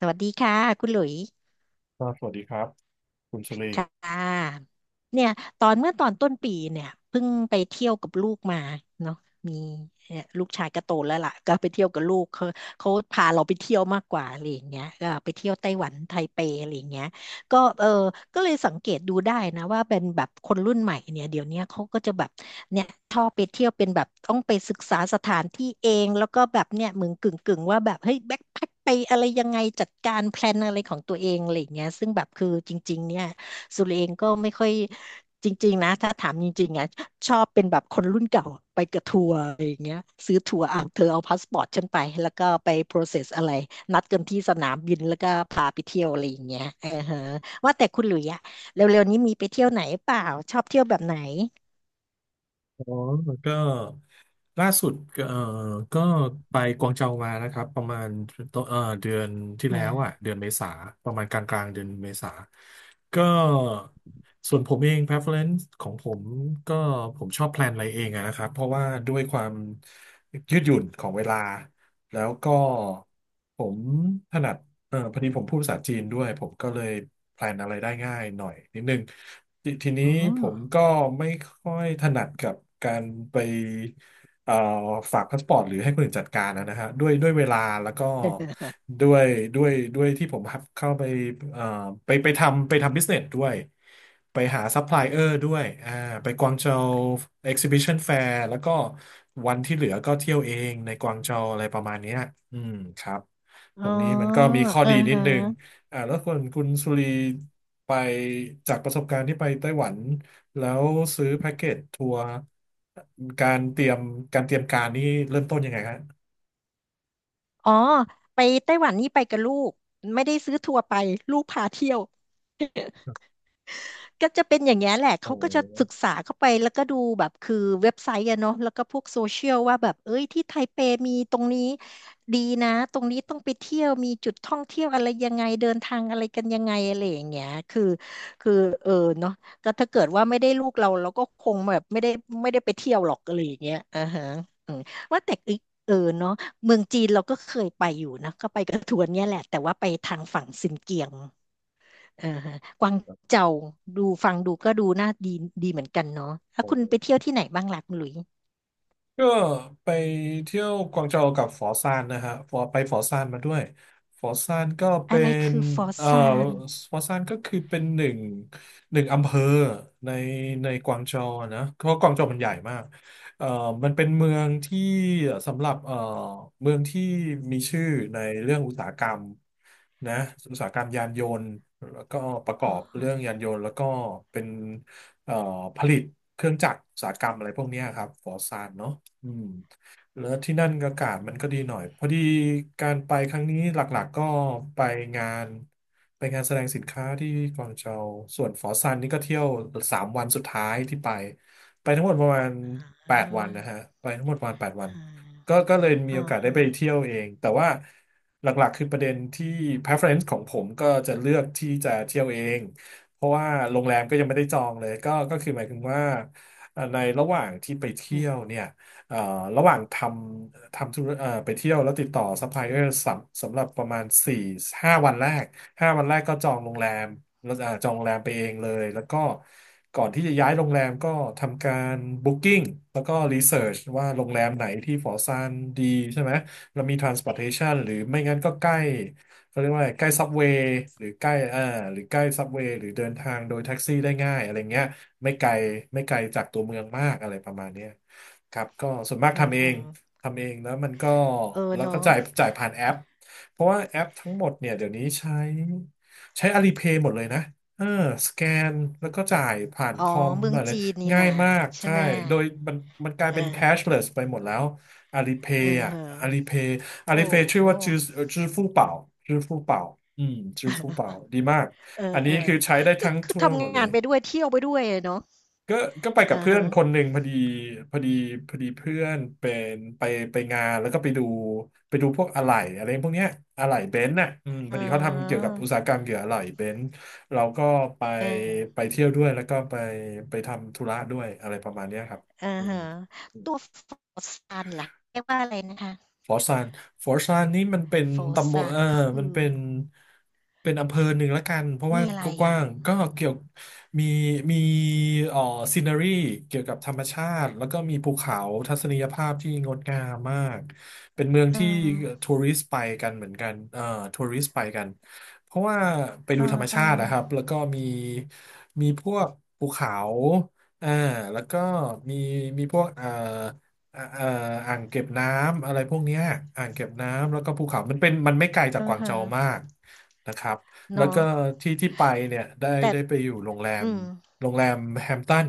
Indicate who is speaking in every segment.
Speaker 1: สวัสดีค่ะคุณหลุย
Speaker 2: ครับสวัสดีครับคุณสุรี
Speaker 1: ค่ะเนี่ยตอนเมื่อตอนต้นปีเนี่ยเพิ่งไปเที่ยวกับลูกมาเนาะมีเนี่ยลูกชายก็โตแล้วล่ะก็ไปเที่ยวกับลูกเขาเขาพาเราไปเที่ยวมากกว่าอะไรอย่างเงี้ยก็ไปเที่ยวไต้หวันไทเปอะไรอย่างเงี้ยก็เออก็เลยสังเกตดูได้นะว่าเป็นแบบคนรุ่นใหม่เนี่ยเดี๋ยวเนี้ยเขาก็จะแบบเนี่ยชอบไปเที่ยวเป็นแบบต้องไปศึกษาสถานที่เองแล้วก็แบบเนี่ยเหมือนกึ่งว่าแบบเฮ้ยแบ็คแพ็คไปอะไรยังไงจัดการแพลนอะไรของตัวเองอะไรอย่างเงี้ยซึ่งแบบคือจริงๆเนี่ย สุรเองก็ไม่ค่อยจริงๆนะถ้าถามจริงๆอ่ะชอบเป็นแบบคนรุ่นเก่าไปกับทัวร์อะไรอย่างเงี้ยซื้อทัวร์อ่ะเธอเอาพาสปอร์ตฉันไปแล้วก็ไป process อะไรนัดกันที่สนามบินแล้วก็พาไปเที่ยวอะไรอย่างเงี้ยเออฮะว่าแต่คุณหลุยอะเร็วๆนี้มีไปเที่ยวไหนเปล่าชอบเที่ยวแบบไหน
Speaker 2: อ๋อก็ล่าสุดก็ก็ไปกวางโจวมานะครับประมาณต้นเดือนที่แล้วอ่ะ
Speaker 1: อ่า
Speaker 2: เดือนเมษาประมาณกลางเดือนเมษาก็ส่วนผมเอง preference ของผมก็ผมชอบแพลนอะไรเองอะนะครับเพราะว่าด้วยความยืดหยุ่นของเวลาแล้วก็ผมถนัด เออพอดีผมพูดภาษาจีนด้วยผมก็เลยแพลนอะไรได้ง่ายหน่อยนิดนึงทีนี้
Speaker 1: อ๋อ
Speaker 2: ผมก็ไม่ค่อยถนัดกับการไปเอ่อฝากพาสปอร์ตหรือให้คนอื่นจัดการนะฮะด้วยเวลาแล้วก็ด้วยด้วยที่ผมเข้าไปเอ่อไปทำบิสเนสด้วยไปหาซัพพลายเออร์ด้วยอ่าไปกวางโจวเอ็กซิบิชันแฟร์แล้วก็วันที่เหลือก็เที่ยวเองในกวางโจวอะไรประมาณเนี้ยอืมครับ
Speaker 1: อ๋
Speaker 2: ตร
Speaker 1: อ
Speaker 2: งนี้มันก็มีข้อ
Speaker 1: เออ
Speaker 2: ดีนิ
Speaker 1: ฮ
Speaker 2: ดนึง
Speaker 1: ะ
Speaker 2: อ่าแล้วคนคุณสุรีไปจากประสบการณ์ที่ไปไต้หวันแล้วซื้อแพ็กเกจทัวร์การเตรียมการเตรียมการนี่เริ่มต้นยังไงฮะ
Speaker 1: อ๋อไปไต้หวันนี่ไปกับลูกไม่ได้ซื้อทัวร์ไปลูกพาเที่ยว ก็จะเป็นอย่างเงี้ยแหละ เขา
Speaker 2: โอ้
Speaker 1: ก็จะศึกษาเข้าไปแล้วก็ดูแบบคือเว็บไซต์อะเนาะแล้วก็พวกโซเชียลว่าแบบเอ้ยที่ไทเปมีตรงนี้ดีนะตรงนี้ต้องไปเที่ยวมีจุดท่องเที่ยวอะไรยังไงเดินทางอะไรกันยังไงอะไรอย่างเงี้ยคือเออเนาะก็ถ้าเกิดว่าไม่ได้ลูกเราเราก็คงแบบไม่ได้ไปเที่ยวหรอกอะไรอย่างเงี้ยอ่าฮะอืมว่าแต่อีกเออเนาะเมืองจีนเราก็เคยไปอยู่นะก็ไปกระทวนเนี่ยแหละแต่ว่าไปทางฝั่งซินเกียง เออฮะกวางเจาดูฟังดูก็ดูน่าดีดีเหมือนกันเนาะแล้วคุณไป
Speaker 2: โห
Speaker 1: เที่ยวที่ไหนบ้างล่ะคุณหลุย
Speaker 2: ก็ไปเที่ยวกวางโจวกับฟอซานนะฮะฟอไปฟอซานมาด้วยฟอซานก็
Speaker 1: อะ
Speaker 2: เป็
Speaker 1: ไร
Speaker 2: น
Speaker 1: คือฟอส
Speaker 2: เอ่อ
Speaker 1: ซาน
Speaker 2: ฟอซานก็คือเป็นหนึ่งอำเภอในในกวางโจวอะนะเพราะกวางโจวมันใหญ่มากเอ่อมันเป็นเมืองที่สำหรับเมืองที่มีชื่อในเรื่องอุตสาหกรรมนะอุตสาหกรรมยานยนต์แล้วก็ประกอ
Speaker 1: อ๋
Speaker 2: บเรื่อง
Speaker 1: อ
Speaker 2: ยานยนต์แล้วก็เป็นเอ่อผลิตเครื่องจักรอุตสาหกรรมอะไรพวกเนี้ยครับฟอร์ซานเนาะ อืมแล้วที่นั่นอากาศมันก็ดีหน่อยพอดีการไปครั้งนี้หลักๆก็ไปงานไปงานแสดงสินค้าที่กวางโจวส่วนฝอซานนี่ก็เที่ยวสามวันสุดท้ายที่ไปไปทั้งหมดประมาณ
Speaker 1: อ่า
Speaker 2: แป
Speaker 1: อ่า
Speaker 2: ดวันนะฮะไปทั้งหมดประมาณแปดวันก็เลยมี
Speaker 1: อ่า
Speaker 2: โอกาสได้ไป
Speaker 1: อ่า
Speaker 2: เที่ยวเองแต่ว่าหลักๆคือประเด็นที่ preference ของผมก็จะเลือกที่จะเที่ยวเองเพราะว่าโรงแรมก็ยังไม่ได้จองเลยก็คือหมายถึงว่าในระหว่างที่ไปเที่
Speaker 1: อื
Speaker 2: ย
Speaker 1: ม
Speaker 2: วเนี่ย เอ่อระหว่างทำธุรไปเที่ยวแล้วติดต่อซัพพลายเออร์สำหรับประมาณสี่ห้าวันแรกห้าวันแรกก็จองโรงแรมแล้วอ่าจองโรงแรมไปเองเลยแล้วก็ก่อนที่จะย้ายโรงแรมก็ทำการบุ๊กิ้งแล้วก็รีเสิร์ชว่าโรงแรมไหนที่ฟอร์ซานดีใช่ไหมแล้วมี transportation หรือไม่งั้นก็ใกล้เขาเรียกว่าอะไรใกล้ซับเวย์หรือใกล้หรือใกล้ซับเวย์หรือเดินทางโดยแท็กซี่ได้ง่ายอะไรเงี้ย ไม่ไกลไม่ไกลจากตัวเมืองมากอะไรประมาณเนี้ยครับก็ส่วนมาก
Speaker 1: อืม
Speaker 2: ทำเอ
Speaker 1: อื
Speaker 2: ง
Speaker 1: ม
Speaker 2: ทำเองแล้วมันก็
Speaker 1: เออ
Speaker 2: แล้วก็
Speaker 1: เนาะ
Speaker 2: จ่ายผ่านแอปเพราะว่าแอปทั้งหมดเนี่ยเดี๋ยวนี้ใช้ Alipay หมดเลยนะเออสแกนแล้วก็จ่ายผ่านค
Speaker 1: อ๋อ
Speaker 2: อม
Speaker 1: เมือง
Speaker 2: อะไร
Speaker 1: จีนนี่
Speaker 2: ง่าย
Speaker 1: นา
Speaker 2: มาก
Speaker 1: ใช่
Speaker 2: ใช่
Speaker 1: ไหม
Speaker 2: โดยมันกลาย
Speaker 1: เอ
Speaker 2: เป็น
Speaker 1: อ
Speaker 2: cashless ไปหมดแล้ว Alipay
Speaker 1: เออ
Speaker 2: อ่ะ
Speaker 1: ฮะ
Speaker 2: Alipay
Speaker 1: โอ้
Speaker 2: Alipay ชื่
Speaker 1: โห
Speaker 2: อว่าจื้อฟู่เป่าจื้อฟู่เป่าอืมจื้อฟู่เป่าดีมาก
Speaker 1: เอ
Speaker 2: อั
Speaker 1: อ
Speaker 2: น
Speaker 1: เอ
Speaker 2: นี้
Speaker 1: อ
Speaker 2: คือใช้ได้
Speaker 1: ก็
Speaker 2: ทั้ง
Speaker 1: คือ
Speaker 2: ทั่ว
Speaker 1: ทำ
Speaker 2: หมดเล
Speaker 1: งาน
Speaker 2: ย
Speaker 1: ไปด้วยเที่ยวไปด้วยอะเนาะ
Speaker 2: ก็ก็ไปกั
Speaker 1: อ่า
Speaker 2: บเพื่อ
Speaker 1: ฮะ
Speaker 2: นคนหนึ่งพอดีพอดีพอดีเพื่อนเป็นไปไปงานแล้วก็ไปดูไปดูพวกอะไหล่อะไรพวกเนี้ยอะไหล่เบนซ์น่ะอืมพ
Speaker 1: อ๋
Speaker 2: อ
Speaker 1: อ
Speaker 2: ดีเขาทำเกี่ยวกับอุตสาหกรรมเกี่ยวกับอะไหล่เบนซ์เราก็ไป
Speaker 1: เออ
Speaker 2: เที่ยวด้วยแล้วก็ไปทำธุระด้วยอะไรประมาณเนี้ยครับ
Speaker 1: อา
Speaker 2: อืม
Speaker 1: ฮะตัว f r o z ันล่ะเรียกว่าอะไรนะคะ
Speaker 2: ฟอร์ซานฟอร์ซานนี่มันเป็น
Speaker 1: โฟ r o
Speaker 2: ตำบล
Speaker 1: z ั
Speaker 2: เอ
Speaker 1: น
Speaker 2: อ
Speaker 1: ค
Speaker 2: มั
Speaker 1: ื
Speaker 2: น
Speaker 1: อ
Speaker 2: เป็น เป็นอำเภอหนึ่งละกัน เพราะว่า
Speaker 1: มีอะไร
Speaker 2: ก็ก
Speaker 1: อะ
Speaker 2: ว้างก็เกี่ยวมีมีเอ่อซีนารีเกี่ยวกับธรรมชาติ แล้วก็มีภูเขาทัศนียภาพที่งดงามมาก เป็นเมือง
Speaker 1: เออ
Speaker 2: ที่ทัวริสต์ไปกันเหมือนกันทัวริสต์ไปกัน เพราะว่าไป
Speaker 1: เ
Speaker 2: ดูธรรม
Speaker 1: อ
Speaker 2: ชาตินะ
Speaker 1: อ
Speaker 2: ครับ แล้วก็มี มีพวกภูเขาอ่าแล้วก็มีมีพวกอ่าเอ่ออ่างเก็บน้ำอะไรพวกเนี้ยอ่างเก็บน้ำแล้วก็ภูเขามันเป็นมันไม่ไกล
Speaker 1: ๆ
Speaker 2: จาก
Speaker 1: อะ
Speaker 2: กวางโจ
Speaker 1: ฮะ
Speaker 2: วมากนะครับแล้ว
Speaker 1: เนาะ
Speaker 2: ก็ที่ที่ไปเนี่ย
Speaker 1: แต่
Speaker 2: ได้ไปอยู่โรงแรม
Speaker 1: อืม
Speaker 2: โรงแรมแฮมป์ตัน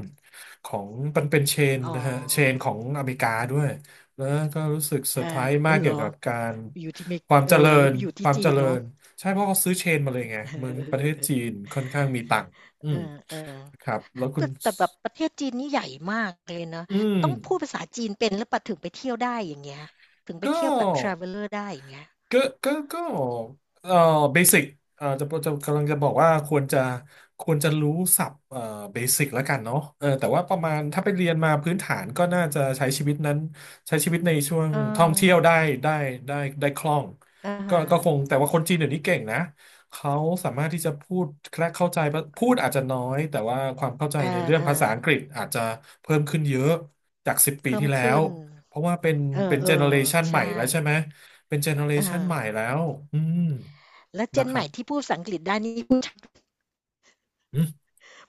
Speaker 2: ของมันเป็นเชน
Speaker 1: อ๋
Speaker 2: นะฮะเชนข
Speaker 1: อ
Speaker 2: องอเมริกาด้วยแล้วก็รู้สึกเซอ
Speaker 1: อา
Speaker 2: ร์ไพ
Speaker 1: อ้า
Speaker 2: รส์
Speaker 1: ว
Speaker 2: มาก
Speaker 1: เหร
Speaker 2: เกี่ยว
Speaker 1: อ
Speaker 2: กับการ
Speaker 1: อยู่ที่เมก
Speaker 2: ความ
Speaker 1: เอ
Speaker 2: เจ
Speaker 1: อ
Speaker 2: ริ
Speaker 1: แล้ว
Speaker 2: ญ
Speaker 1: ไปอยู่
Speaker 2: ค
Speaker 1: ที่
Speaker 2: วาม
Speaker 1: จี
Speaker 2: เจ
Speaker 1: น
Speaker 2: ริ
Speaker 1: เนาะ
Speaker 2: ญใช่เพราะเขาซื้อเชนมาเลยไงเมืองประเทศ จีนค่อนข้างมีตังค์อื
Speaker 1: เอ
Speaker 2: ม
Speaker 1: อๆๆๆเออ
Speaker 2: ครับแล้ว
Speaker 1: ๆ
Speaker 2: คุณ
Speaker 1: แต่แต่แบบประเทศจีนนี่ใหญ่มากเลยนะ
Speaker 2: อืม
Speaker 1: ต้องพูดภาษาจีนเป็นหรือเปล่าถึงไปเที่ยวได้อย่างเงี้ยถึงไป
Speaker 2: ก็
Speaker 1: เที่ยวแบบ traveler ได้อย่างเงี้ย
Speaker 2: ก็ก็เอ่อเบสิกเอ่อจะจะกำลังจะบอกว่าควรจะรู้ศัพท์เบสิกแล้วกันเนาะเออแต่ว่าประมาณถ้าไปเรียนมาพื้นฐานก็น่าจะใช้ชีวิตในช่วง
Speaker 1: เ
Speaker 2: ท่องเที่ยว
Speaker 1: ออ
Speaker 2: ได้ได้ได้คล่อง
Speaker 1: อะ
Speaker 2: ก็
Speaker 1: ฮะ
Speaker 2: ก็คงแต่ว่าคนจีนเดี๋ยวนี้เก่งนะ เขาสามารถที่จะพูดและเข้าใจ พูดอาจจะน้อย แต่ว่าความเข้าใจ
Speaker 1: เออ
Speaker 2: ในเรื่องภาษาอังกฤษ
Speaker 1: ๆ
Speaker 2: อาจจะเพิ่มขึ้นเยอะจากสิบปี
Speaker 1: เพิ่ม
Speaker 2: ที่แล้
Speaker 1: ขึ้
Speaker 2: ว
Speaker 1: น
Speaker 2: เพราะว่าเป็น
Speaker 1: เอ
Speaker 2: เป็นเจเนอเร
Speaker 1: อ
Speaker 2: ชัน
Speaker 1: ๆ
Speaker 2: ใหม่
Speaker 1: ใช่
Speaker 2: แล้วใช่ไหม เป็นเจเนอเร
Speaker 1: อา
Speaker 2: ชันใหม่แล้วอืม
Speaker 1: แล้ว
Speaker 2: นะ
Speaker 1: Gen
Speaker 2: ค
Speaker 1: ให
Speaker 2: รั
Speaker 1: ม่
Speaker 2: บ
Speaker 1: ที่พูดภาษาอังกฤษได้นี่พูดชัด
Speaker 2: อืม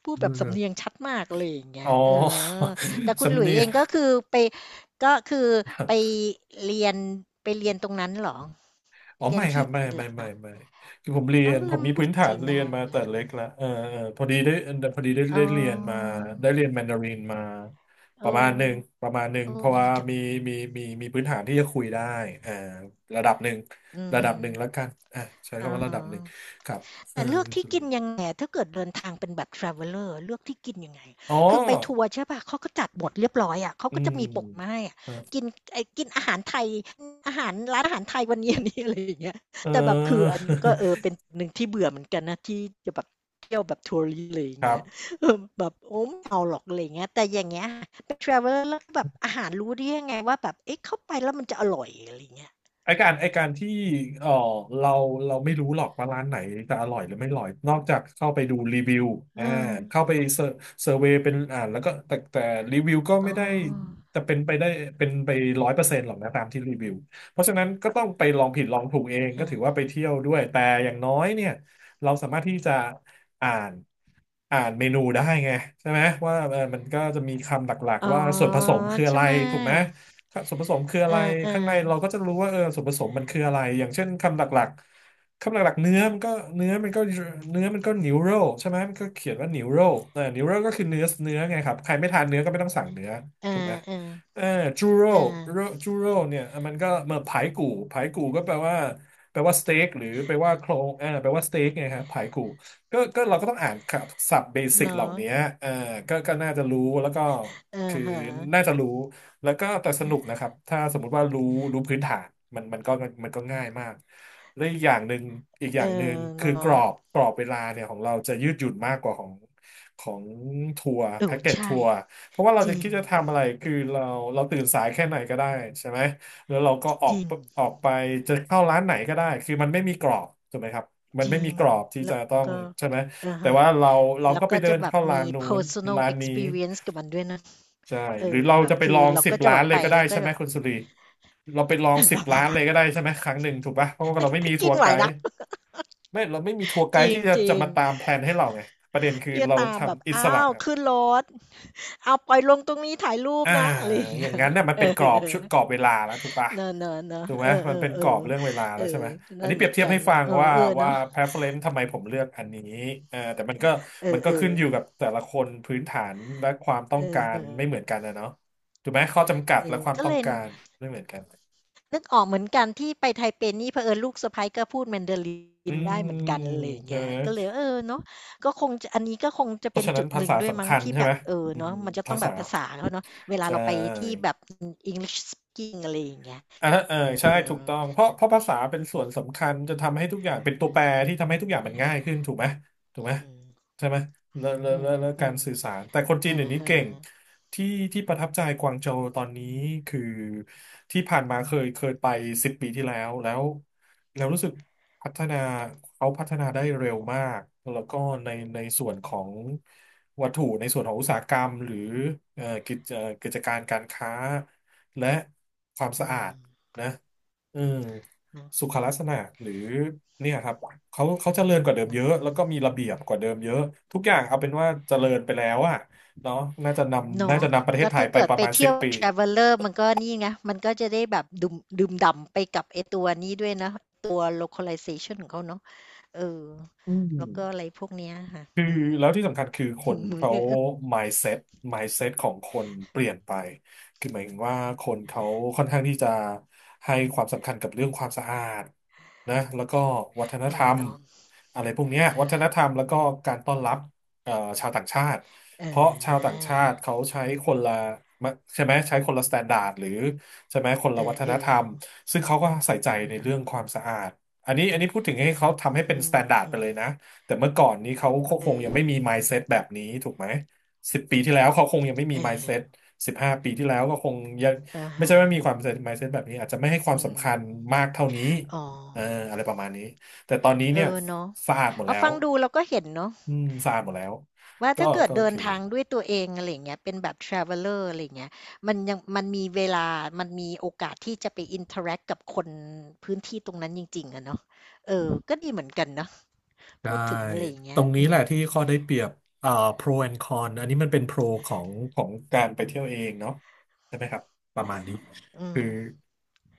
Speaker 1: พูดแบ
Speaker 2: ดู
Speaker 1: บ
Speaker 2: เล
Speaker 1: สำ
Speaker 2: ย
Speaker 1: เนียงชัดมากอะไรอย่างเงี้
Speaker 2: อ๋
Speaker 1: ยเออ
Speaker 2: อ
Speaker 1: แต่ คุณห
Speaker 2: สำ
Speaker 1: ลุยส์
Speaker 2: เนี
Speaker 1: เอ
Speaker 2: ยง
Speaker 1: งก็คือไปก็คือไป เรียนไปเรียนตรงนั้นเหรอ
Speaker 2: อ๋อ
Speaker 1: เรียน
Speaker 2: ไม่ครั
Speaker 1: ที่
Speaker 2: บไม่
Speaker 1: จีนเหร
Speaker 2: ไม่
Speaker 1: อ
Speaker 2: ไม่
Speaker 1: คะ
Speaker 2: ไม่คือผมเรีย
Speaker 1: อ้า
Speaker 2: น
Speaker 1: ว
Speaker 2: ผ
Speaker 1: แล้
Speaker 2: ม
Speaker 1: ว
Speaker 2: มี
Speaker 1: พู
Speaker 2: พื้
Speaker 1: ด
Speaker 2: นฐาน
Speaker 1: จีน
Speaker 2: เรีย
Speaker 1: ได้
Speaker 2: นมาแต่
Speaker 1: ล่ะ
Speaker 2: เล็กละเออเออพอดีได้
Speaker 1: อ๋อ
Speaker 2: ได้เรียนมาได้เรียนแมนดารินมาป
Speaker 1: เอ
Speaker 2: ระมาณหนึ่ง
Speaker 1: อ
Speaker 2: ประมาณหนึ่ง
Speaker 1: เอ
Speaker 2: เพ
Speaker 1: อ
Speaker 2: ราะ
Speaker 1: ดี
Speaker 2: ว่า
Speaker 1: จัง
Speaker 2: มีมีพื้นฐานที่จะคุยได้อ่าระดับหนึ่ง
Speaker 1: อื
Speaker 2: ระดับหนึ่งแล้ว
Speaker 1: ม
Speaker 2: กันอ่าใช้
Speaker 1: ๆอะ
Speaker 2: คำว่าระดั
Speaker 1: ฮะ
Speaker 2: บหนึ่งครับเออ
Speaker 1: แต่เลือก
Speaker 2: คุณ
Speaker 1: ที่
Speaker 2: สุ
Speaker 1: กิ
Speaker 2: ริ
Speaker 1: น
Speaker 2: นทร์
Speaker 1: ยังไงถ้าเกิดเดินทางเป็นแบบ traveler เลือกที่กินยังไง
Speaker 2: อ๋อ
Speaker 1: คือไปทัวร์ใช่ป่ะเขาก็จัดบทเรียบร้อยอะเขา
Speaker 2: อื
Speaker 1: ก็จะ
Speaker 2: ม
Speaker 1: มีโปะมาให้อะ
Speaker 2: เ
Speaker 1: กินไอ้กินอาหารไทยอาหารร้านอาหารไทยวันนี้อันนี้ อะไรอย่างเงี้ย
Speaker 2: อ
Speaker 1: แต่แบบคือ
Speaker 2: อ
Speaker 1: อันก็เออ เป็นหนึ่งที่เบื่อเหมือนกันนะที่จะแบบเที่ยวแบบทัวร i s t อเลยอ
Speaker 2: ค
Speaker 1: ย่าง
Speaker 2: รั
Speaker 1: เงี้ย
Speaker 2: บ
Speaker 1: เออแบบโอ้ไม่เอาหรอกอะไรอย่างเงี้ยแต่อย่างเงี้ยเป็น traveler แล้วแบบอาหารรู้ได้ยังไงว่าแบบเอ๊ะเข้าไปแล้วมันจะอร่อยอะไรอย่างเงี้ย
Speaker 2: ไอการไอการที่เออเราเราไม่รู้หรอกว่าร้านไหนจะอร่อยหรือไม่อร่อยนอกจากเข้าไปดูรีวิวอ่าเข้า
Speaker 1: ออ
Speaker 2: ไปเซอร์เวย์เป็นอ่านแล้วก็แต่รีวิวก็
Speaker 1: อ๋
Speaker 2: ไม่ได้
Speaker 1: อ
Speaker 2: จะเป็นไป100%หรอกนะตามที่รีวิวเพราะฉะนั้นก็ต้องไปลองผิดลองถูกเอง
Speaker 1: เอ
Speaker 2: ก็ถื
Speaker 1: อ
Speaker 2: อว่าไปเที่ยวด้วยแต่อย่างน้อยเนี่ยเราสามารถที่จะอ่านอ่านเมนูได้ไงใช่ไหมว่าเออมันก็จะมีคำหลัก
Speaker 1: อ๋อ
Speaker 2: ๆว่าส่วนผสมคืออะ
Speaker 1: ใช่
Speaker 2: ไร
Speaker 1: ไหม
Speaker 2: ถูกไหม ค่ะส่วนผสมคืออะ
Speaker 1: เ
Speaker 2: ไร
Speaker 1: อ
Speaker 2: ข้างใน
Speaker 1: อ
Speaker 2: เราก็จะรู้ว่าเออส่วนผสมมันคืออะไรอย่างเช่นคำหลักๆคำหลักๆเนื้อมันก็เนื้อมันก็นิวโรใช่ไหมมันก็เขียนว่านิวโรเออนิวโรก็คือเนื้อเนื้อไงครับใครไม่ทานเนื้อก็ไม่ต้องสั่งเนื้อ
Speaker 1: ๆอา
Speaker 2: ถูกไหม
Speaker 1: ๆอา
Speaker 2: เออจูโร
Speaker 1: เออเออ
Speaker 2: จูโรเนี่ยมันก็มาผายกู่ผายกู่ก็แปลว่าสเต็กหรือแปลว่าโครงเออแปลว่าสเต็กไงครับผายกู่ก็เราก็ต้องอ่านคำศัพท์เบสิกเหล่า
Speaker 1: เนาะ
Speaker 2: นี้เออก็น่าจะรู้แล้วก็
Speaker 1: เอะ
Speaker 2: คือ
Speaker 1: ฮ
Speaker 2: น่า
Speaker 1: ะ
Speaker 2: จะรู้ แล้วก็แต่สนุกนะครับ ถ้าสมมุติว่ารู้พื้นฐานมันมันก็มันก็ง่ายมากและอีกอ
Speaker 1: เออ
Speaker 2: ย่างหนึ่งคือก
Speaker 1: เนาะ
Speaker 2: รอบกรอบเวลาเนี่ยของเราจะยืดหยุ่นมากกว่าของทัวร์
Speaker 1: โอ้
Speaker 2: แพ็กเกจ
Speaker 1: ใช่
Speaker 2: ทัวร์เพราะว่าเรา
Speaker 1: จ
Speaker 2: จะ
Speaker 1: ริ
Speaker 2: คิ
Speaker 1: ง
Speaker 2: ดจะทำอะไรคือเราตื่นสายแค่ไหนก็ได้ใช่ไหมแล้วเราก็ออ
Speaker 1: จ
Speaker 2: ก
Speaker 1: ริง
Speaker 2: ออกไปจะเข้าร้านไหนก็ได้คือมันไม่มีกรอบถูกไหมครับมัน
Speaker 1: จ
Speaker 2: ไม่
Speaker 1: ริ
Speaker 2: มี
Speaker 1: ง
Speaker 2: กรอบที่จะ
Speaker 1: แล้ว
Speaker 2: ต้อง
Speaker 1: ก็
Speaker 2: ใช่ไหม
Speaker 1: อา
Speaker 2: แต่
Speaker 1: ฮะ
Speaker 2: ว่าเรา
Speaker 1: แล้
Speaker 2: ก็
Speaker 1: ว
Speaker 2: ไป
Speaker 1: ก็
Speaker 2: เดิ
Speaker 1: จะ
Speaker 2: น
Speaker 1: แบบ
Speaker 2: เข้าร้า
Speaker 1: มี
Speaker 2: นนู้น
Speaker 1: personal
Speaker 2: ร้านนี้
Speaker 1: experience กับมันด้วยนะ
Speaker 2: ใช่
Speaker 1: เอ
Speaker 2: หรือ
Speaker 1: อ
Speaker 2: เรา
Speaker 1: แบบ
Speaker 2: จะไป
Speaker 1: คื
Speaker 2: ล
Speaker 1: อ
Speaker 2: อง
Speaker 1: เรา
Speaker 2: สิบ
Speaker 1: ก็จะ
Speaker 2: ล้า
Speaker 1: แบ
Speaker 2: น
Speaker 1: บ
Speaker 2: เล
Speaker 1: ไป
Speaker 2: ยก็ได้
Speaker 1: แล้วก็
Speaker 2: ใช่ไห
Speaker 1: แบ
Speaker 2: ม
Speaker 1: บ
Speaker 2: คุณสุรีเราไปลองสิบล้านเลยก็ได้ ใช่ไหมครั้งหนึ่งถูกปะเพราะว่าเราไม่มี
Speaker 1: ถ้า
Speaker 2: ทั
Speaker 1: กิ
Speaker 2: ว
Speaker 1: น
Speaker 2: ร์
Speaker 1: ไหว
Speaker 2: ไก
Speaker 1: นะ
Speaker 2: ด์ไม่เราไม่มีทัวร์ไก
Speaker 1: จ
Speaker 2: ด์
Speaker 1: ริง
Speaker 2: ที่จะ
Speaker 1: จ
Speaker 2: จะ
Speaker 1: ริง
Speaker 2: มาตามแพลนให้เราไงประเด็นคือ
Speaker 1: เที่จ
Speaker 2: เรา
Speaker 1: ตามแบบ
Speaker 2: ทำอิ
Speaker 1: อ้า
Speaker 2: สระ
Speaker 1: วขึ้นรถเอาปล่อยลงตรงนี้ถ่ายรูป
Speaker 2: อ่า
Speaker 1: นะอะไรอย่าง
Speaker 2: อ
Speaker 1: เงี้
Speaker 2: ย่า
Speaker 1: ย
Speaker 2: งนั้นเน่ยมัน
Speaker 1: เออ
Speaker 2: เป็นกรอบชุดกรอ บเวลาแล้วถูกปะ
Speaker 1: เนอะๆๆเนอะ
Speaker 2: ถูกไห
Speaker 1: เอ
Speaker 2: ม
Speaker 1: อเอ
Speaker 2: มั
Speaker 1: อ
Speaker 2: นเป็น
Speaker 1: เอ
Speaker 2: ก
Speaker 1: อ
Speaker 2: รอบเรื่องเวลา
Speaker 1: เอ
Speaker 2: แล้
Speaker 1: อ
Speaker 2: วใช่ไหมอัน
Speaker 1: นั่น
Speaker 2: นี้
Speaker 1: เห
Speaker 2: เปรี
Speaker 1: มื
Speaker 2: ย
Speaker 1: อ
Speaker 2: บ
Speaker 1: น
Speaker 2: เทียบ
Speaker 1: กัน
Speaker 2: ให้
Speaker 1: เนี่
Speaker 2: ฟั
Speaker 1: ย
Speaker 2: ง
Speaker 1: อ๋อ
Speaker 2: ว่า
Speaker 1: เออ
Speaker 2: ว่า
Speaker 1: เนาะ
Speaker 2: preference ทำไมผมเลือกอันนี้เออแต่มันก็
Speaker 1: เอ
Speaker 2: มัน
Speaker 1: อ
Speaker 2: ก็
Speaker 1: เออ
Speaker 2: ขึ้นอยู่กับแต่ละคนพื้นฐานและความต้อ
Speaker 1: เออ
Speaker 2: งกา
Speaker 1: เอ
Speaker 2: ร
Speaker 1: อ
Speaker 2: ไม่เหมือนกันนะเนาะถูกไหมข้อจำกัด
Speaker 1: เอ
Speaker 2: และ
Speaker 1: อ
Speaker 2: ความ
Speaker 1: ก็
Speaker 2: ต้อ
Speaker 1: เล
Speaker 2: ง
Speaker 1: ย
Speaker 2: การไม่เหมือนกัน
Speaker 1: นึกออกเหมือนกันที่ไปไทเปนี่เผอิญลูกสะใภ้ก็พูดแมนดาลิ
Speaker 2: อื
Speaker 1: นได้
Speaker 2: ม
Speaker 1: เหมือนกันอะไรอย่าง
Speaker 2: ใช่
Speaker 1: เงี้ย
Speaker 2: ไหม
Speaker 1: ก็เลยเออเนาะก็คงจะอันนี้ก็คงจะ
Speaker 2: เพ
Speaker 1: เป็
Speaker 2: ราะ
Speaker 1: น
Speaker 2: ฉะนั้
Speaker 1: จุ
Speaker 2: น
Speaker 1: ด
Speaker 2: ภา
Speaker 1: หนึ่ง
Speaker 2: ษา
Speaker 1: ด้วย
Speaker 2: สำ
Speaker 1: มั้ง
Speaker 2: คัญ
Speaker 1: ที่
Speaker 2: ใช่
Speaker 1: แบ
Speaker 2: ไหม
Speaker 1: บเออ
Speaker 2: อื
Speaker 1: เนาะ
Speaker 2: ม
Speaker 1: มันจะต้
Speaker 2: ภา
Speaker 1: องแบ
Speaker 2: ษา
Speaker 1: บภาษาเขาเนาะเวลา
Speaker 2: ใช
Speaker 1: เราไปที่
Speaker 2: ่
Speaker 1: แบบอ English speaking อะไรอย่างเงี้ย
Speaker 2: อ่าเออ
Speaker 1: เออ
Speaker 2: ใช่
Speaker 1: เึอ
Speaker 2: ถูกต้องเพราะภาษาเป็นส่วนสำคัญจะทำให้ทุกอย่างเป็นตัวแปรที่ทำให้ทุกอย่างมันง่ายขึ้นถูกไหมถูกไหม
Speaker 1: อืม
Speaker 2: ใช่ไหมแล้วแล้ว
Speaker 1: อื
Speaker 2: แล้
Speaker 1: ม
Speaker 2: วแล้ว
Speaker 1: อื
Speaker 2: การ
Speaker 1: ม
Speaker 2: สื่อสารแต่คน
Speaker 1: เอ
Speaker 2: จี
Speaker 1: อ
Speaker 2: นเดี๋ยวนี้
Speaker 1: ฮะ
Speaker 2: เก่งที่ที่ประทับใจกวางโจวตอนนี้คือที่ผ่านมาเคยไปสิบปีที่แล้วรู้สึกพัฒนาเขาพัฒนาได้เร็วมากแล้วก็ในส่วนของวัตถุในส่วนของอุตสาหกรรมหรือเอ่อกิจเอ่อกิจการการค้าและความ
Speaker 1: อ
Speaker 2: สะ
Speaker 1: อื
Speaker 2: อา
Speaker 1: ม
Speaker 2: ด นะอืม
Speaker 1: เนาะ
Speaker 2: สุขลักษณะหรือเนี่ยครับเขาเจริญกว่าเดิมเยอะแล้วก็มีระเบียบกว่าเดิมเยอะทุกอย่างเอาเป็นว่าเจริญไปแล้วอะเนาะน่า
Speaker 1: เนาะ
Speaker 2: จะนำประเทศ
Speaker 1: ก็
Speaker 2: ไทย
Speaker 1: ถ้า
Speaker 2: ไป
Speaker 1: เกิด
Speaker 2: ประ
Speaker 1: ไป
Speaker 2: มาณสิ
Speaker 1: เที่
Speaker 2: บ
Speaker 1: ยว
Speaker 2: ปี
Speaker 1: traveler มันก็นี่ไงมันก็จะได้แบบดื่มด่ำไปกับไอ้ตัวนี้ด้วยนะตัว localization ของเขาเนาะเออ
Speaker 2: อื
Speaker 1: แล้วก็อะ
Speaker 2: ม
Speaker 1: ไรพวกเนี้ยค่ะ
Speaker 2: คือ
Speaker 1: อืม
Speaker 2: แล้วที่สำคัญคือคนเขา mindset mindset ของคนเปลี่ยนไปคือหมายถึงว่าคนเขาค่อนข้างที่จะให้ความสำคัญกับเรื่องความสะอาดนะแล้วก็วัฒน
Speaker 1: เอ
Speaker 2: ธร
Speaker 1: อ
Speaker 2: รม
Speaker 1: เน้อง
Speaker 2: อะไรพวกเนี้ยวัฒนธรรมแล้วก็การต้อนรับเอ่อชาวต่างชาติ
Speaker 1: เ
Speaker 2: เพราะชาว
Speaker 1: อ
Speaker 2: ต่าง
Speaker 1: อ
Speaker 2: ชาติเขาใช้คนละใช่ไหมใช้คนละสแตนดาร์ดหรือใช่ไหมคนละ
Speaker 1: เอ
Speaker 2: วั
Speaker 1: อ
Speaker 2: ฒ
Speaker 1: เอ
Speaker 2: นธ
Speaker 1: อ
Speaker 2: รรมซึ่งเขาก็ใส่ใจในเรื่องความสะอาดอันนี้พูดถึงให้
Speaker 1: นะ
Speaker 2: เขาทำให้เป็น
Speaker 1: อื
Speaker 2: ส
Speaker 1: ม
Speaker 2: แตน
Speaker 1: อื
Speaker 2: ดา
Speaker 1: ม
Speaker 2: ร์ด
Speaker 1: อื
Speaker 2: ไป
Speaker 1: ม
Speaker 2: เลยนะ แต่เมื่อก่อนนี้เขาคงยังไม่
Speaker 1: เออ
Speaker 2: มี mindset แบบนี้ถูกไหม10 ปีที่แล้วเขาคงยังไม่มี
Speaker 1: เออ
Speaker 2: mindset 15 ปีที่แล้วก็คงยัง
Speaker 1: อ่า
Speaker 2: ไม่
Speaker 1: ฮะ
Speaker 2: ใช่ว่ามีความ mindset แบบนี้อาจจะไม่ให้ความ
Speaker 1: อืม
Speaker 2: สำคัญมากเท่านี้
Speaker 1: อ๋อ
Speaker 2: เอออะไรประมาณนี้แต่ตอนนี้
Speaker 1: เอ
Speaker 2: เนี่ย
Speaker 1: อเนาะ
Speaker 2: สะอาดหมด
Speaker 1: เอา
Speaker 2: แล้ว
Speaker 1: ฟังดูเราก็เห็นเนาะ
Speaker 2: อืมสะอาดหมดแล้ว
Speaker 1: ว่า
Speaker 2: ก็
Speaker 1: ถ้าเกิด
Speaker 2: ก็โอ
Speaker 1: เดิ
Speaker 2: เค
Speaker 1: นทางด้วยตัวเองอะไรอย่างเงี้ยเป็นแบบ traveler อะไรอย่างเงี้ยมันยังมันมีเวลามันมีโอกาสที่จะไป interact กับคนพื้นที่ตรงนั้นจริงๆอะเนาะเออ ก็ดีเหมือนกันเนาะ
Speaker 2: ใช่
Speaker 1: พูดถึงอะไรอย่าง
Speaker 2: ต
Speaker 1: เงี้
Speaker 2: ร
Speaker 1: ย
Speaker 2: งนี้
Speaker 1: อื
Speaker 2: แหละ
Speaker 1: ม
Speaker 2: ที่ข้อได้เปรียบอ่า pro and con อันนี้มันเป็นโปรของการไปเที่ยวเองเนาะใช่ไหมครับประมาณนี้
Speaker 1: อืม
Speaker 2: คือ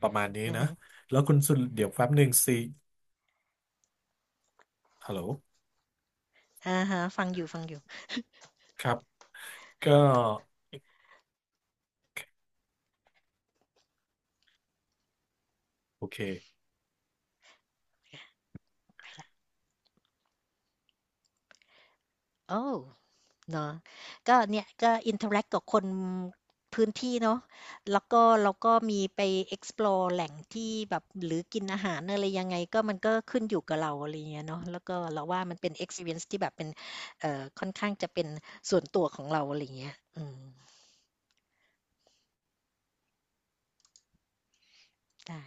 Speaker 2: ประมาณนี้
Speaker 1: อะ
Speaker 2: นะ
Speaker 1: ฮะ
Speaker 2: แล้วคุณสุดเดี๋ยวแป๊บหนึ่งสิฮัลโหล
Speaker 1: อะฮะฟังอยู่
Speaker 2: ครับก็โอเค
Speaker 1: ๆไปแล้วโอ้ เนาะก็เนี่ยก็ interact กับคนพื้นที่เนาะแล้วก็มีไป explore แหล่งที่แบบหรือกินอาหารอะไรยังไงก็มันก็ขึ้นอยู่กับเราอะไรอย่างเงี้ยเนาะแล้วก็เราว่ามันเป็น experience ที่แบบเป็นเอ่อค่อนข้างจะเป็นส่วนตัวของเราอะไรอย่างเงี้ยอืมได้